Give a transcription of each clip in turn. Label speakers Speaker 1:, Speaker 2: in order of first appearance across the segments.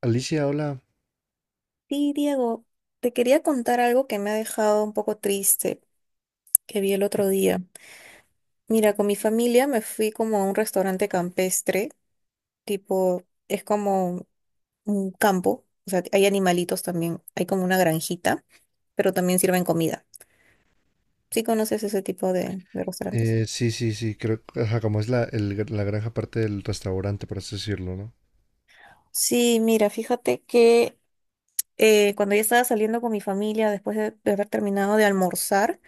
Speaker 1: Alicia, hola.
Speaker 2: Sí, Diego, te quería contar algo que me ha dejado un poco triste, que vi el otro día. Mira, con mi familia me fui como a un restaurante campestre, tipo, es como un campo, o sea, hay animalitos también, hay como una granjita, pero también sirven comida. ¿Sí conoces ese tipo de restaurantes?
Speaker 1: Sí, sí, sí, creo que ajá, como es la, el la granja parte del restaurante, por así decirlo, ¿no?
Speaker 2: Sí, mira, fíjate que cuando ya estaba saliendo con mi familia, después de haber terminado de almorzar,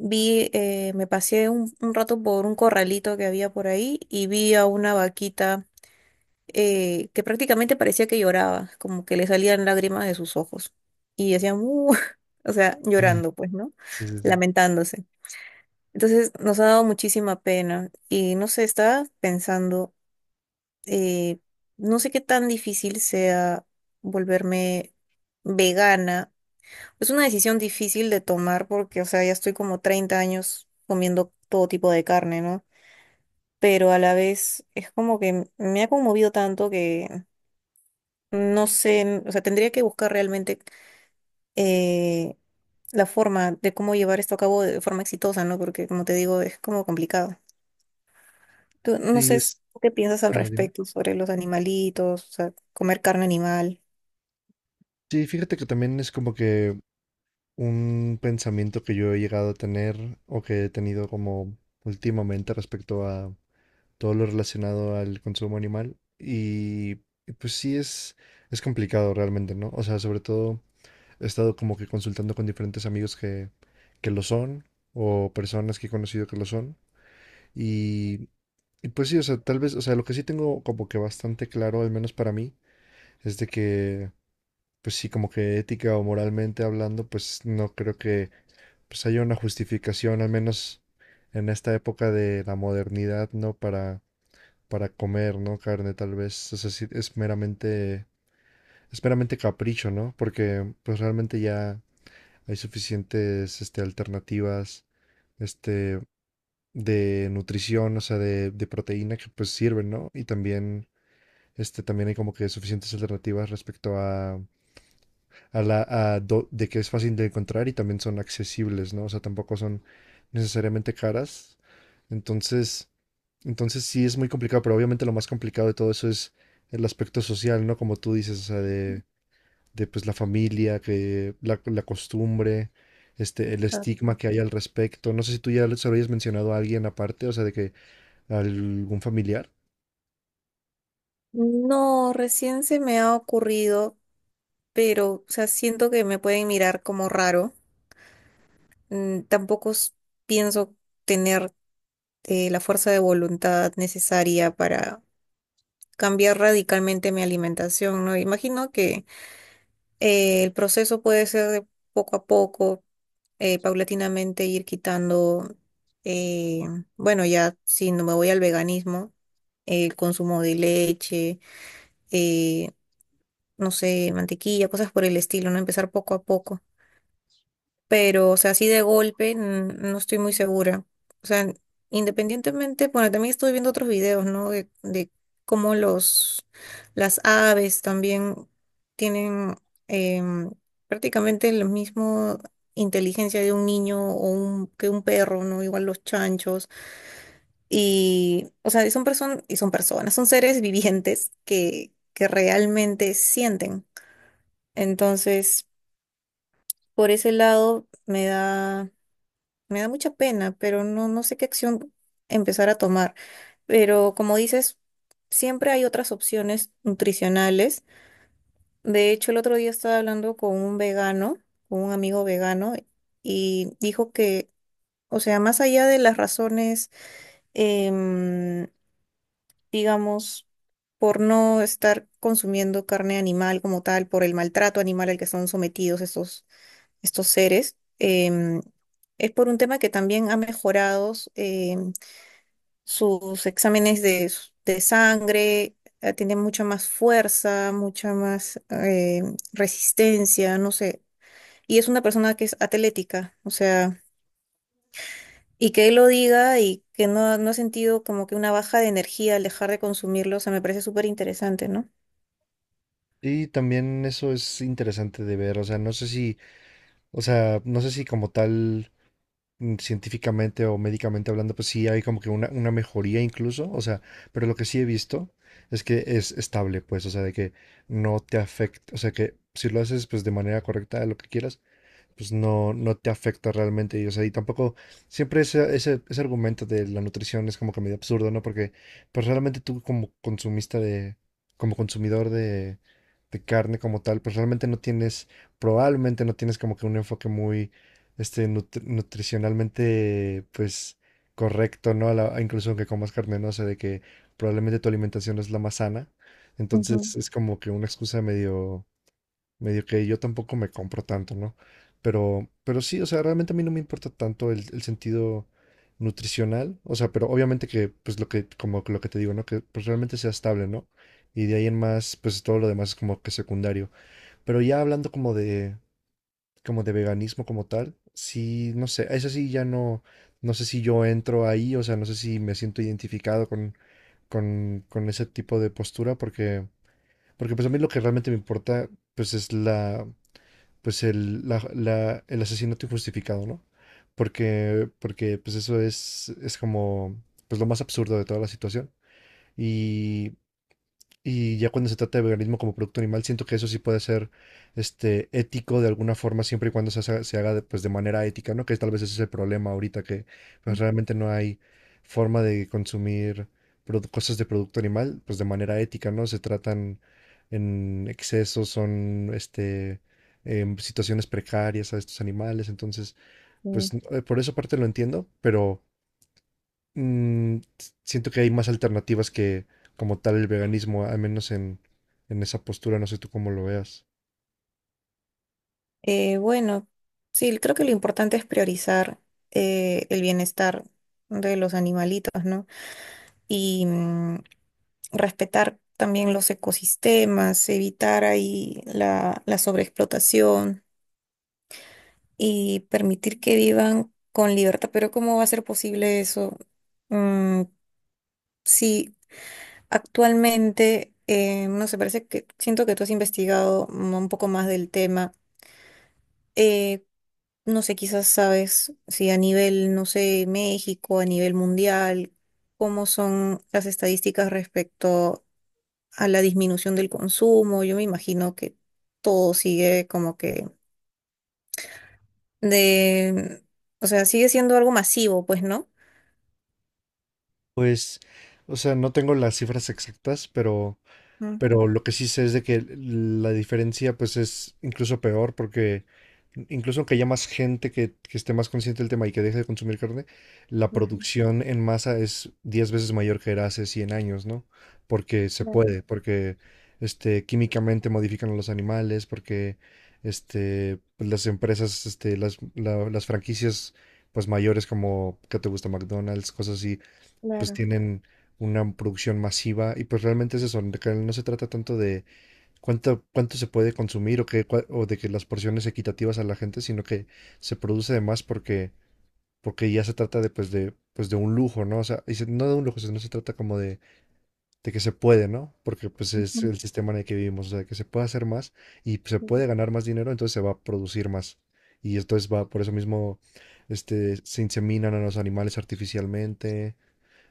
Speaker 2: vi, me pasé un rato por un corralito que había por ahí y vi a una vaquita que prácticamente parecía que lloraba, como que le salían lágrimas de sus ojos y hacía "mu", o sea,
Speaker 1: Ujú.
Speaker 2: llorando, pues, ¿no?
Speaker 1: Sí, sí, sí.
Speaker 2: Lamentándose. Entonces nos ha dado muchísima pena y no sé, estaba pensando, eh, no sé qué tan difícil sea volverme vegana. Es una decisión difícil de tomar porque, o sea, ya estoy como 30 años comiendo todo tipo de carne, ¿no? Pero a la vez es como que me ha conmovido tanto que no sé, o sea, tendría que buscar realmente eh, la forma de cómo llevar esto a cabo de forma exitosa, ¿no? Porque, como te digo, es como complicado. Tú, no
Speaker 1: Sí,
Speaker 2: sé s-
Speaker 1: es,
Speaker 2: ¿tú qué piensas al
Speaker 1: ah, dime.
Speaker 2: respecto sobre los animalitos? O sea, comer carne animal.
Speaker 1: Sí, fíjate que también es como que un pensamiento que yo he llegado a tener o que he tenido como últimamente respecto a todo lo relacionado al consumo animal. Y pues sí es complicado realmente, ¿no? O sea, sobre todo he estado como que consultando con diferentes amigos que lo son o personas que he conocido que lo son. Y, y pues sí, o sea, tal vez, o sea, lo que sí tengo como que bastante claro, al menos para mí, es de que, pues sí, como que ética o moralmente hablando, pues no creo que pues haya una justificación, al menos en esta época de la modernidad, ¿no? Para comer, ¿no? Carne, tal vez, o sea, sí, es meramente capricho, ¿no? Porque pues realmente ya hay suficientes, este, alternativas, este, de nutrición, o sea, de proteína que pues sirven, ¿no? Y también, este, también hay como que suficientes alternativas respecto a la, de que es fácil de encontrar y también son accesibles, ¿no? O sea, tampoco son necesariamente caras. Entonces, entonces sí es muy complicado, pero obviamente lo más complicado de todo eso es el aspecto social, ¿no? Como tú dices, o sea, de pues la familia, que la costumbre. Este, el
Speaker 2: Ah.
Speaker 1: estigma que hay al respecto. No sé si tú ya se lo hayas mencionado a alguien aparte, o sea, de que algún familiar.
Speaker 2: No, recién se me ha ocurrido, pero, o sea, siento que me pueden mirar como raro. Mm, tampoco s- Pienso tener la fuerza de voluntad necesaria para cambiar radicalmente mi alimentación, ¿no? Imagino que el proceso puede ser de poco a poco, paulatinamente ir quitando, eh, bueno, ya si no me voy al veganismo, el consumo de leche, eh, no sé, mantequilla, cosas por el estilo, ¿no? Empezar poco a poco. Pero, o sea, así de golpe, no estoy muy segura. O sea, independientemente, bueno, también estoy viendo otros videos, ¿no? De cómo las aves también tienen em, prácticamente la misma inteligencia de un niño o un, que un perro, ¿no? Igual los chanchos. Y, o sea, y son personas, son seres vivientes que realmente sienten. Entonces, por ese lado me da. Me da mucha pena, pero no, no sé qué acción empezar a tomar. Pero como dices, siempre hay otras opciones nutricionales. De hecho, el otro día estaba hablando con un vegano, con un amigo vegano, y dijo que, o sea, más allá de las razones, em, digamos, por no estar consumiendo carne animal como tal, por el maltrato animal al que son sometidos estos seres, es por un tema que también ha mejorado. Sus exámenes de sangre, tiene mucha más fuerza, mucha más resistencia, no sé. Y es una persona que es atlética, o sea, y que él lo diga y que no, no ha sentido como que una baja de energía al dejar de consumirlo, o sea, me parece súper interesante, ¿no?
Speaker 1: Y también eso es interesante de ver, o sea, no sé si, o sea, no sé si como tal científicamente o médicamente hablando, pues sí hay como que una mejoría incluso, o sea, pero lo que sí he visto es que es estable, pues, o sea, de que no te afecta, o sea, que si lo haces pues de manera correcta, lo que quieras, pues no, no te afecta realmente. Y, o sea, y tampoco, siempre ese argumento de la nutrición es como que medio absurdo, ¿no? Porque pues realmente tú como consumista de, como consumidor de carne como tal, pues realmente no tienes, probablemente no tienes como que un enfoque muy, este, nutricionalmente, pues, correcto, ¿no? A la, incluso aunque comas carne, ¿no? O sea, de que probablemente tu alimentación no es la más sana.
Speaker 2: Ujú,
Speaker 1: Entonces es como que una excusa medio que yo tampoco me compro tanto, ¿no? Pero sí, o sea, realmente a mí no me importa tanto el sentido nutricional, o sea, pero obviamente que, pues lo que, como lo que te digo, ¿no? Que pues realmente sea estable, ¿no? Y de ahí en más, pues todo lo demás es como que secundario. Pero ya hablando como de veganismo como tal, sí, no sé, eso sí ya no, no sé si yo entro ahí, o sea, no sé si me siento identificado con, con ese tipo de postura, porque, porque pues a mí lo que realmente me importa, pues es la, pues el, el asesinato injustificado, ¿no? Porque, porque pues eso es como pues lo más absurdo de toda la situación. Y y ya cuando se trata de veganismo como producto animal, siento que eso sí puede ser este, ético de alguna forma, siempre y cuando se, se haga de, pues, de manera ética, ¿no? Que tal vez ese es el problema ahorita, que pues, realmente no hay forma de consumir cosas de producto animal, pues de manera ética, ¿no? Se tratan en exceso, son este, em, situaciones precarias a estos animales, entonces, pues
Speaker 2: sí.
Speaker 1: por esa parte lo entiendo, pero mm, siento que hay más alternativas que como tal el veganismo, al menos en esa postura, no sé tú cómo lo veas.
Speaker 2: Bueno, sí, creo que lo importante es priorizar el bienestar de los animalitos, ¿no? Y, mm, respetar también los ecosistemas, evitar ahí la, la sobreexplotación y permitir que vivan con libertad. Pero ¿cómo va a ser posible eso? Mm, si actualmente, no sé, parece que siento que tú has investigado mm, un poco más del tema. Eh, no sé, quizás sabes si a nivel, no sé, México, a nivel mundial, cómo son las estadísticas respecto a la disminución del consumo. Yo me imagino que todo sigue como de, o sea, sigue siendo algo masivo, pues, ¿no?
Speaker 1: Pues, o sea, no tengo las cifras exactas, pero
Speaker 2: Ujú,
Speaker 1: Pero lo que sí sé es de que la diferencia pues es incluso peor porque incluso aunque haya más gente que esté más consciente del tema y que deje de consumir carne, la
Speaker 2: ujú,
Speaker 1: producción en masa es 10 veces mayor que era hace 100 años, ¿no? Porque se
Speaker 2: claro,
Speaker 1: puede, porque este, químicamente modifican a los animales, porque este, pues, las empresas, este, las, las franquicias pues mayores como que te gusta McDonald's, cosas así, pues
Speaker 2: claro,
Speaker 1: tienen una producción masiva y pues realmente es eso, de que no se trata tanto de cuánto, cuánto se puede consumir o, que, o de que las porciones equitativas a la gente, sino que se produce de más porque, porque ya se trata de pues de, pues de un lujo, ¿no? O sea, y no de un lujo, sino se trata como de que se puede, ¿no? Porque pues es
Speaker 2: ujú.
Speaker 1: el sistema en el que vivimos, o sea, que se puede hacer más y se
Speaker 2: Sí.
Speaker 1: puede ganar más dinero, entonces se va a producir más. Y entonces va, por eso mismo, este, se inseminan a los animales artificialmente,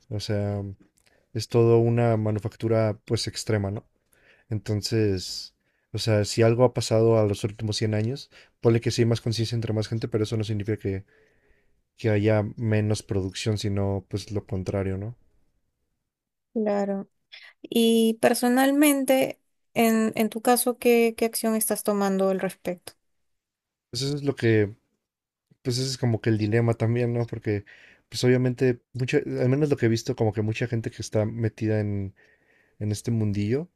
Speaker 1: o sea es todo una manufactura pues extrema, ¿no? Entonces, o sea, si algo ha pasado a los últimos 100 años, ponle que sí hay más conciencia entre más gente, pero eso no significa que haya menos producción, sino pues lo contrario, ¿no?
Speaker 2: Claro. Y personalmente, en tu caso, ¿qué acción estás tomando al respecto?
Speaker 1: Pues eso es lo que, pues ese es como que el dilema también, ¿no? Porque pues obviamente, mucha, al menos lo que he visto, como que mucha gente que está metida en este mundillo,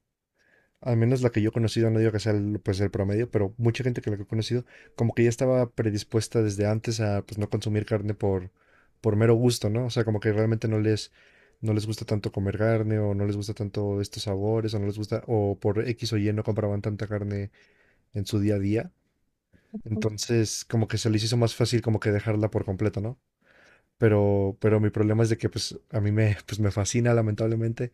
Speaker 1: al menos la que yo he conocido, no digo que sea el, pues el promedio, pero mucha gente que la que he conocido, como que ya estaba predispuesta desde antes a pues no consumir carne por mero gusto, ¿no? O sea, como que realmente no les, no les gusta tanto comer carne, o no les gusta tanto estos sabores, o no les gusta, o por X o Y no compraban tanta carne en su día a día. Entonces, como que se les hizo más fácil como que dejarla por completo, ¿no? Pero mi problema es de que pues a mí me, pues, me fascina lamentablemente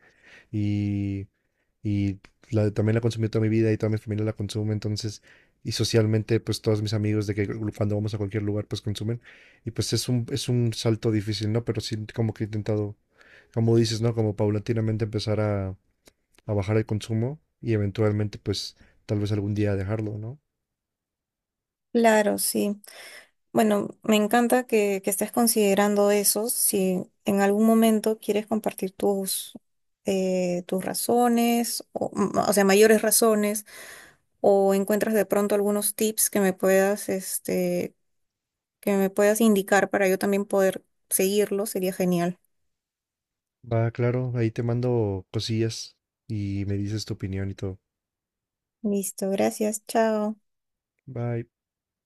Speaker 1: y la, también la consumí toda mi vida y toda mi familia la consume, entonces, y socialmente, pues todos mis amigos de que cuando vamos a cualquier lugar, pues consumen, y pues es un salto difícil, ¿no? Pero sí, como que he intentado, como dices, ¿no? Como paulatinamente empezar a bajar el consumo y eventualmente, pues, tal vez algún día dejarlo, ¿no?
Speaker 2: Claro, sí. Bueno, me encanta que estés considerando eso. Si en algún momento quieres compartir tus razones, o, mm, o sea, mayores razones o encuentras de pronto algunos tips que me puedas, este, que me puedas indicar para yo también poder seguirlo, sería genial.
Speaker 1: Va, claro, ahí te mando cosillas y me dices tu opinión y todo.
Speaker 2: Listo, gracias, chao.
Speaker 1: Bye.